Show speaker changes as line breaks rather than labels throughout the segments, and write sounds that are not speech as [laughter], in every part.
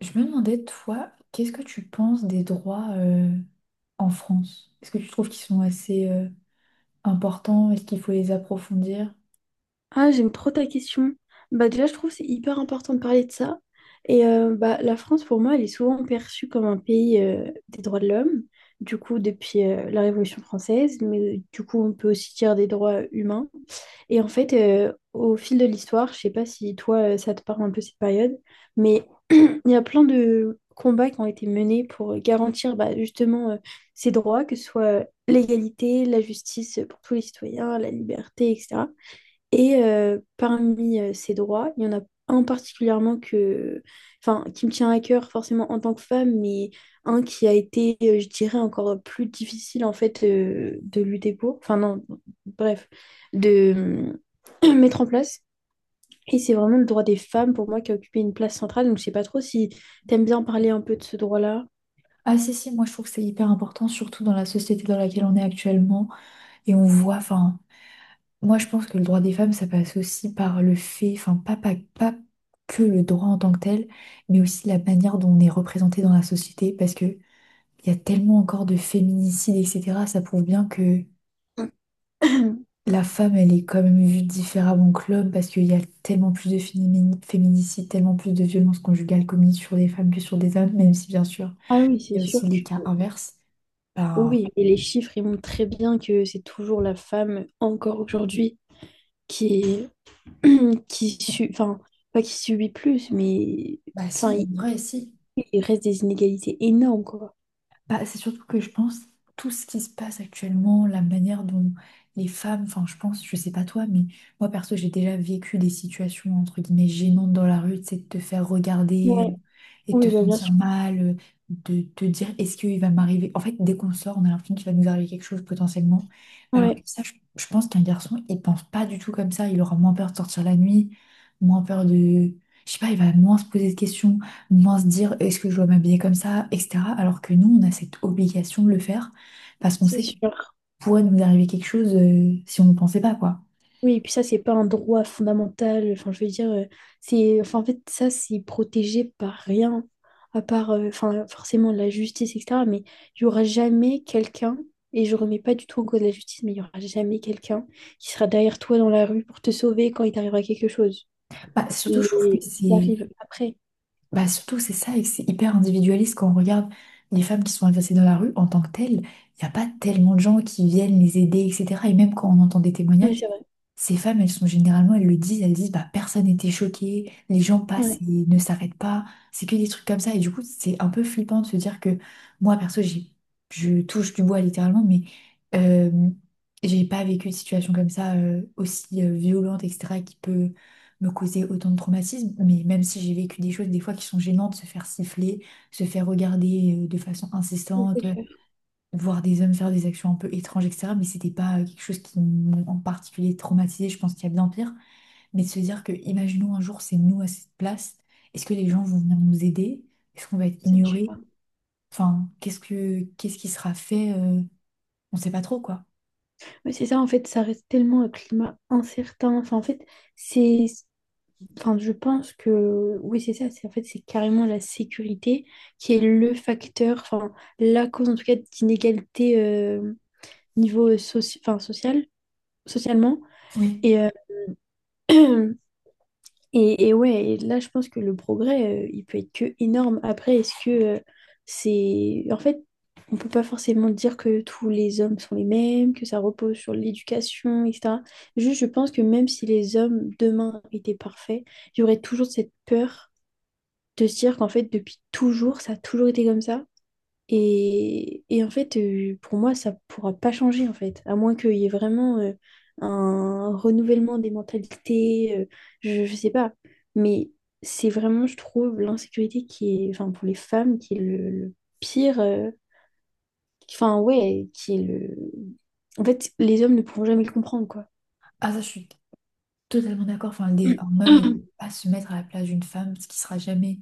Je me demandais, toi, qu'est-ce que tu penses des droits en France? Est-ce que tu trouves qu'ils sont assez importants? Est-ce qu'il faut les approfondir?
Ah, j'aime trop ta question. Bah déjà, je trouve que c'est hyper important de parler de ça. Et bah, la France, pour moi, elle est souvent perçue comme un pays des droits de l'homme, du coup, depuis la Révolution française, mais du coup, on peut aussi dire des droits humains. Et en fait, au fil de l'histoire, je sais pas si toi, ça te parle un peu cette période, mais [clears throat] il y a plein de combats qui ont été menés pour garantir bah, justement ces droits, que ce soit l'égalité, la justice pour tous les citoyens, la liberté, etc. Et parmi ces droits, il y en a un particulièrement que, enfin, qui me tient à cœur forcément en tant que femme, mais un qui a été, je dirais, encore plus difficile en fait de lutter pour, enfin non, bref, de [clears throat] mettre en place. Et c'est vraiment le droit des femmes pour moi qui a occupé une place centrale. Donc je sais pas trop si t'aimes bien parler un peu de ce droit-là.
Ah si, si, moi je trouve que c'est hyper important, surtout dans la société dans laquelle on est actuellement. Et on voit, enfin, moi je pense que le droit des femmes, ça passe aussi par le fait, enfin, pas que le droit en tant que tel, mais aussi la manière dont on est représenté dans la société, parce que il y a tellement encore de féminicides, etc. Ça prouve bien que
[clears throat]
la femme, elle est quand même vue différemment que l'homme parce qu'il y a tellement plus de féminicides, tellement plus de violences conjugales commises sur des femmes que sur des hommes, même si bien sûr,
Ah oui,
il
c'est
y a
sûr
aussi
que
les cas inverses. Ben,
oui, et les chiffres, ils montrent très bien que c'est toujours la femme, encore aujourd'hui, qui est [clears throat] enfin, pas qui subit plus, mais
bah
enfin,
si, en
il,
vrai, si.
il reste des inégalités énormes, quoi.
Bah, c'est surtout que je pense tout ce qui se passe actuellement, la manière dont les femmes, enfin je pense, je sais pas toi, mais moi perso j'ai déjà vécu des situations entre guillemets gênantes dans la rue, c'est de te faire regarder
Ouais,
et de te
oui, bah, bien
sentir
sûr.
mal, de te dire est-ce qu'il va m'arriver. En fait, dès qu'on sort, on a l'impression qu'il va nous arriver quelque chose potentiellement. Alors que
Ouais,
ça, je pense qu'un garçon, il pense pas du tout comme ça, il aura moins peur de sortir la nuit, moins peur de... Je sais pas, il va moins se poser de questions moins se dire est-ce que je dois m'habiller comme ça, etc. Alors que nous, on a cette obligation de le faire parce qu'on
c'est
sait qu'il
sûr.
pourrait nous arriver quelque chose si on ne pensait pas, quoi.
Oui, et puis ça, c'est pas un droit fondamental. Enfin, je veux dire, enfin, en fait, ça, c'est protégé par rien, à part, enfin, forcément la justice, etc. Mais il y aura jamais quelqu'un, et je remets pas du tout en cause la justice, mais il y aura jamais quelqu'un qui sera derrière toi dans la rue pour te sauver quand il t'arrivera quelque chose.
Bah, surtout, je trouve que
Les Ils
c'est
arrivent après.
Bah surtout, c'est ça, et que c'est hyper individualiste quand on regarde les femmes qui sont agressées dans la rue en tant que telles. Il n'y a pas tellement de gens qui viennent les aider, etc. Et même quand on entend des
Oui,
témoignages,
c'est vrai.
ces femmes, elles sont généralement, elles le disent, elles disent, bah personne n'était choqué, les gens passent
Ouais.
et ne s'arrêtent pas. C'est que des trucs comme ça. Et du coup, c'est un peu flippant de se dire que moi, perso, je touche du bois littéralement, mais euh, j'ai pas vécu de situation comme ça aussi violente, etc., qui peut me causer autant de traumatisme, mais même si j'ai vécu des choses des fois qui sont gênantes, se faire siffler, se faire regarder de façon
Oui, c'est
insistante,
clair,
voir des hommes faire des actions un peu étranges, etc. Mais c'était pas quelque chose qui m'ont en particulier traumatisé, je pense qu'il y a bien pire. Mais de se dire que, imaginons un jour, c'est nous à cette place, est-ce que les gens vont venir nous aider? Est-ce qu'on va être
c'est dur.
ignoré? Enfin, qu'est-ce qui sera fait? On sait pas trop, quoi.
Oui, c'est ça, en fait, ça reste tellement un climat incertain. Enfin, en fait, c'est... Enfin, je pense que... oui, c'est ça, c'est en fait, c'est carrément la sécurité qui est le facteur, enfin, la cause, en tout cas, d'inégalité niveau enfin, social, socialement.
Oui.
Et, euh, [clears throat] et ouais, et là, je pense que le progrès, il peut être que énorme. Après, est-ce que euh, en fait, on peut pas forcément dire que tous les hommes sont les mêmes, que ça repose sur l'éducation, etc. Juste, je pense que même si les hommes demain étaient parfaits, il y aurait toujours cette peur de se dire qu'en fait, depuis toujours, ça a toujours été comme ça. Et en fait, pour moi, ça pourra pas changer, en fait, à moins qu'il y ait vraiment un renouvellement des mentalités, je sais pas. Mais c'est vraiment, je trouve, l'insécurité qui est, enfin, pour les femmes, qui est le pire, enfin, ouais, en fait, les hommes ne pourront jamais le comprendre, quoi.
Ah, ça, je suis totalement d'accord. Enfin, le un homme ne peut
[clears throat]
pas se mettre à la place d'une femme, ce qui sera jamais,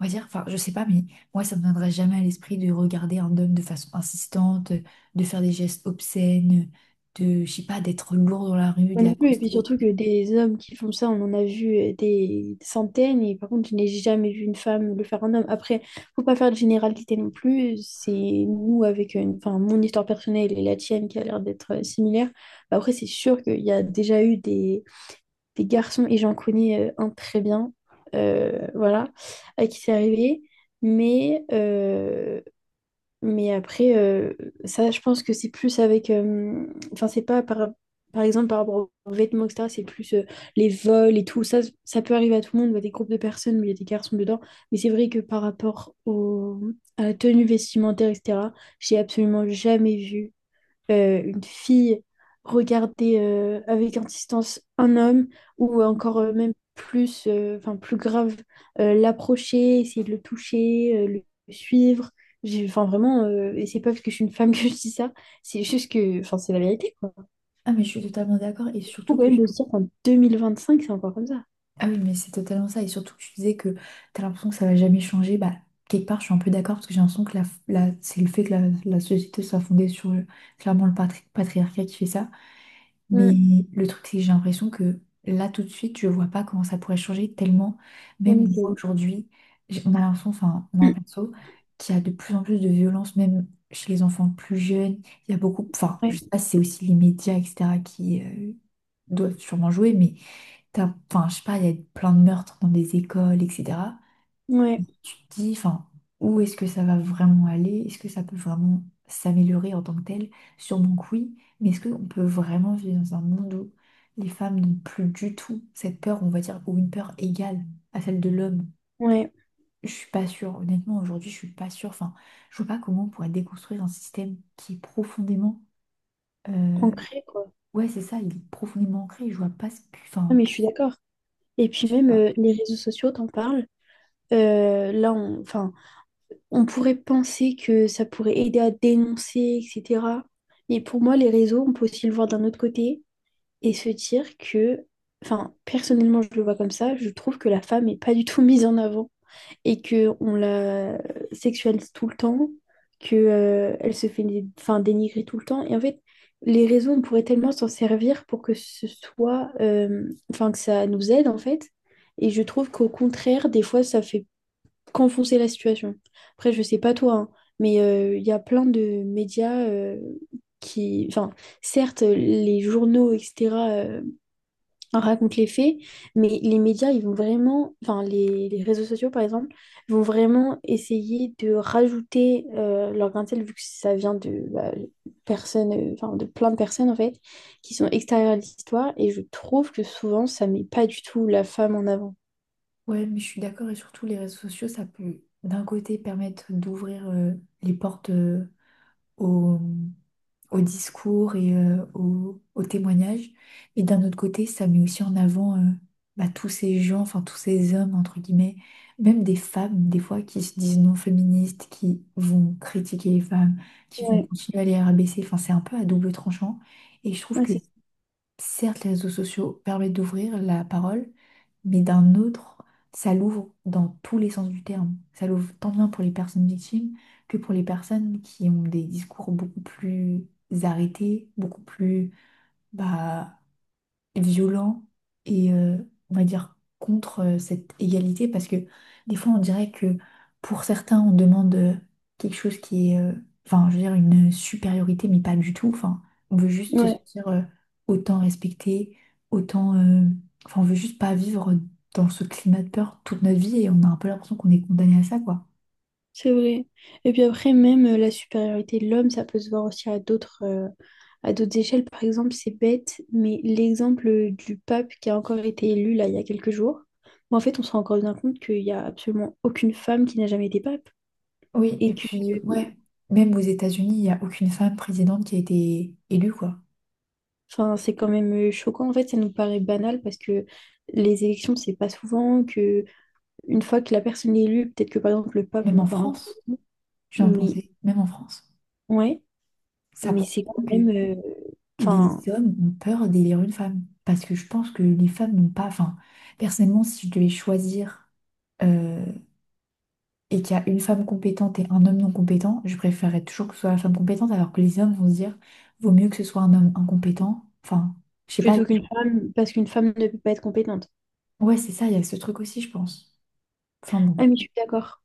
on va dire, enfin, je sais pas, mais moi, ça me viendrait jamais à l'esprit de regarder un homme de façon insistante, de faire des gestes obscènes, de, je sais pas, d'être lourd dans la rue, de
Moi non plus, et puis
l'accoster.
surtout que des hommes qui font ça, on en a vu des centaines, et par contre, je n'ai jamais vu une femme le faire à un homme. Après, faut pas faire de généralité non plus, c'est nous avec enfin, mon histoire personnelle et la tienne qui a l'air d'être similaire. Bah, après, c'est sûr qu'il y a déjà eu des garçons, et j'en connais un très bien, voilà, à qui c'est arrivé, mais mais après, ça, je pense que c'est plus avec. Enfin, c'est pas par exemple par rapport aux vêtements, etc. C'est plus les vols et tout. Ça peut arriver à tout le monde, il y a des groupes de personnes où il y a des garçons dedans. Mais c'est vrai que par rapport à la tenue vestimentaire, etc., j'ai absolument jamais vu une fille regarder avec insistance un homme ou encore même plus, enfin plus grave, l'approcher, essayer de le toucher, le suivre. Enfin vraiment, et c'est pas parce que je suis une femme [laughs] que je dis ça, c'est juste que, enfin c'est la vérité quoi.
Ah, mais je suis totalement d'accord. Et
Faut
surtout
quand
que
même
tu.
de se dire qu'en 2025 c'est encore comme ça.
Ah oui, mais c'est totalement ça. Et surtout que tu disais que t'as l'impression que ça va jamais changer. Bah, quelque part, je suis un peu d'accord parce que j'ai l'impression que c'est le fait que la société soit fondée sur clairement le patriarcat qui fait ça. Mais
Mm.
le truc, c'est que j'ai l'impression que là, tout de suite, je vois pas comment ça pourrait changer tellement, même une
Donc,
fois aujourd'hui, on a l'impression, enfin,
[clears throat]
moi
mm.
perso, qu'il y a de plus en plus de violence, même chez les enfants plus jeunes. Il y a beaucoup, enfin, je
Ouais,
sais pas si c'est aussi les médias, etc., qui doivent sûrement jouer, mais t'as, enfin, je sais pas, il y a plein de meurtres dans des écoles, etc. Et
ouais,
tu te dis, enfin, où est-ce que ça va vraiment aller? Est-ce que ça peut vraiment s'améliorer en tant que tel? Sûrement que oui, mais est-ce qu'on peut vraiment vivre dans un monde où les femmes n'ont plus du tout cette peur, on va dire, ou une peur égale à celle de l'homme?
ouais,
Je suis pas sûre, honnêtement, aujourd'hui, je suis pas sûre. Enfin, je vois pas comment on pourrait déconstruire un système qui est profondément. Euh,
ancré quoi.
Ouais, c'est ça, il est profondément ancré. Je vois pas ce que.
Ah,
Enfin,
mais je suis d'accord. Et puis même les réseaux sociaux, t'en parles. Là, enfin, on pourrait penser que ça pourrait aider à dénoncer, etc. Mais pour moi, les réseaux, on peut aussi le voir d'un autre côté et se dire que, enfin, personnellement, je le vois comme ça, je trouve que la femme n'est pas du tout [laughs] mise en avant et qu'on la sexualise tout le temps, qu'elle elle se fait enfin, dénigrer tout le temps. Et en fait, les réseaux, on pourrait tellement s'en servir pour que ce soit, enfin, que ça nous aide, en fait. Et je trouve qu'au contraire, des fois, ça fait qu'enfoncer la situation. Après, je sais pas toi, hein, mais il y a plein de médias enfin, certes, les journaux, etc., racontent les faits, mais les médias, ils vont vraiment. Enfin, les réseaux sociaux, par exemple, vont vraiment essayer de rajouter leur grain de sel, vu que ça vient de bah, personnes, enfin, de plein de personnes, en fait, qui sont extérieures à l'histoire, et je trouve que souvent, ça met pas du tout la femme en avant.
ouais, mais je suis d'accord et surtout les réseaux sociaux, ça peut d'un côté permettre d'ouvrir les portes au, au discours et au témoignage, et d'un autre côté, ça met aussi en avant bah, tous ces gens, enfin tous ces hommes, entre guillemets, même des femmes, des fois, qui se disent non féministes, qui vont critiquer les femmes, qui vont
Ouais.
continuer à les rabaisser, enfin c'est un peu à double tranchant, et je trouve
Ouais,
que
c'est ça.
certes, les réseaux sociaux permettent d'ouvrir la parole, mais d'un autre, ça l'ouvre dans tous les sens du terme. Ça l'ouvre tant bien pour les personnes victimes que pour les personnes qui ont des discours beaucoup plus arrêtés, beaucoup plus bah, violent et on va dire contre cette égalité parce que des fois on dirait que pour certains on demande quelque chose qui est enfin je veux dire une supériorité mais pas du tout enfin on veut juste se
Ouais.
sentir autant respecté autant enfin on veut juste pas vivre dans ce climat de peur toute notre vie et on a un peu l'impression qu'on est condamné à ça quoi.
C'est vrai. Et puis après, même la supériorité de l'homme, ça peut se voir aussi à d'autres échelles. Par exemple, c'est bête, mais l'exemple du pape qui a encore été élu là il y a quelques jours, bon, en fait, on se rend encore bien compte qu'il n'y a absolument aucune femme qui n'a jamais été pape.
Oui
Et
et
que
puis ouais même aux États-Unis il n'y a aucune femme présidente qui a été élue quoi.
enfin, c'est quand même choquant. En fait, ça nous paraît banal parce que les élections, c'est pas souvent que une fois que la personne est élue, peut-être que par exemple le pape, on
Même
en
en
parle un
France,
peu.
je viens de
Mais
penser, même en France,
ouais,
ça
mais
prouve
c'est quand
bien que
même. Enfin,
les hommes ont peur d'élire une femme. Parce que je pense que les femmes n'ont pas. Enfin, personnellement, si je devais choisir euh, et qu'il y a une femme compétente et un homme non compétent, je préférerais toujours que ce soit la femme compétente, alors que les hommes vont se dire, vaut mieux que ce soit un homme incompétent. Enfin, je sais pas.
plutôt qu'une femme, parce qu'une femme ne peut pas être compétente.
Ouais, c'est ça, il y a ce truc aussi, je pense. Enfin bon.
Ah, mais je suis d'accord.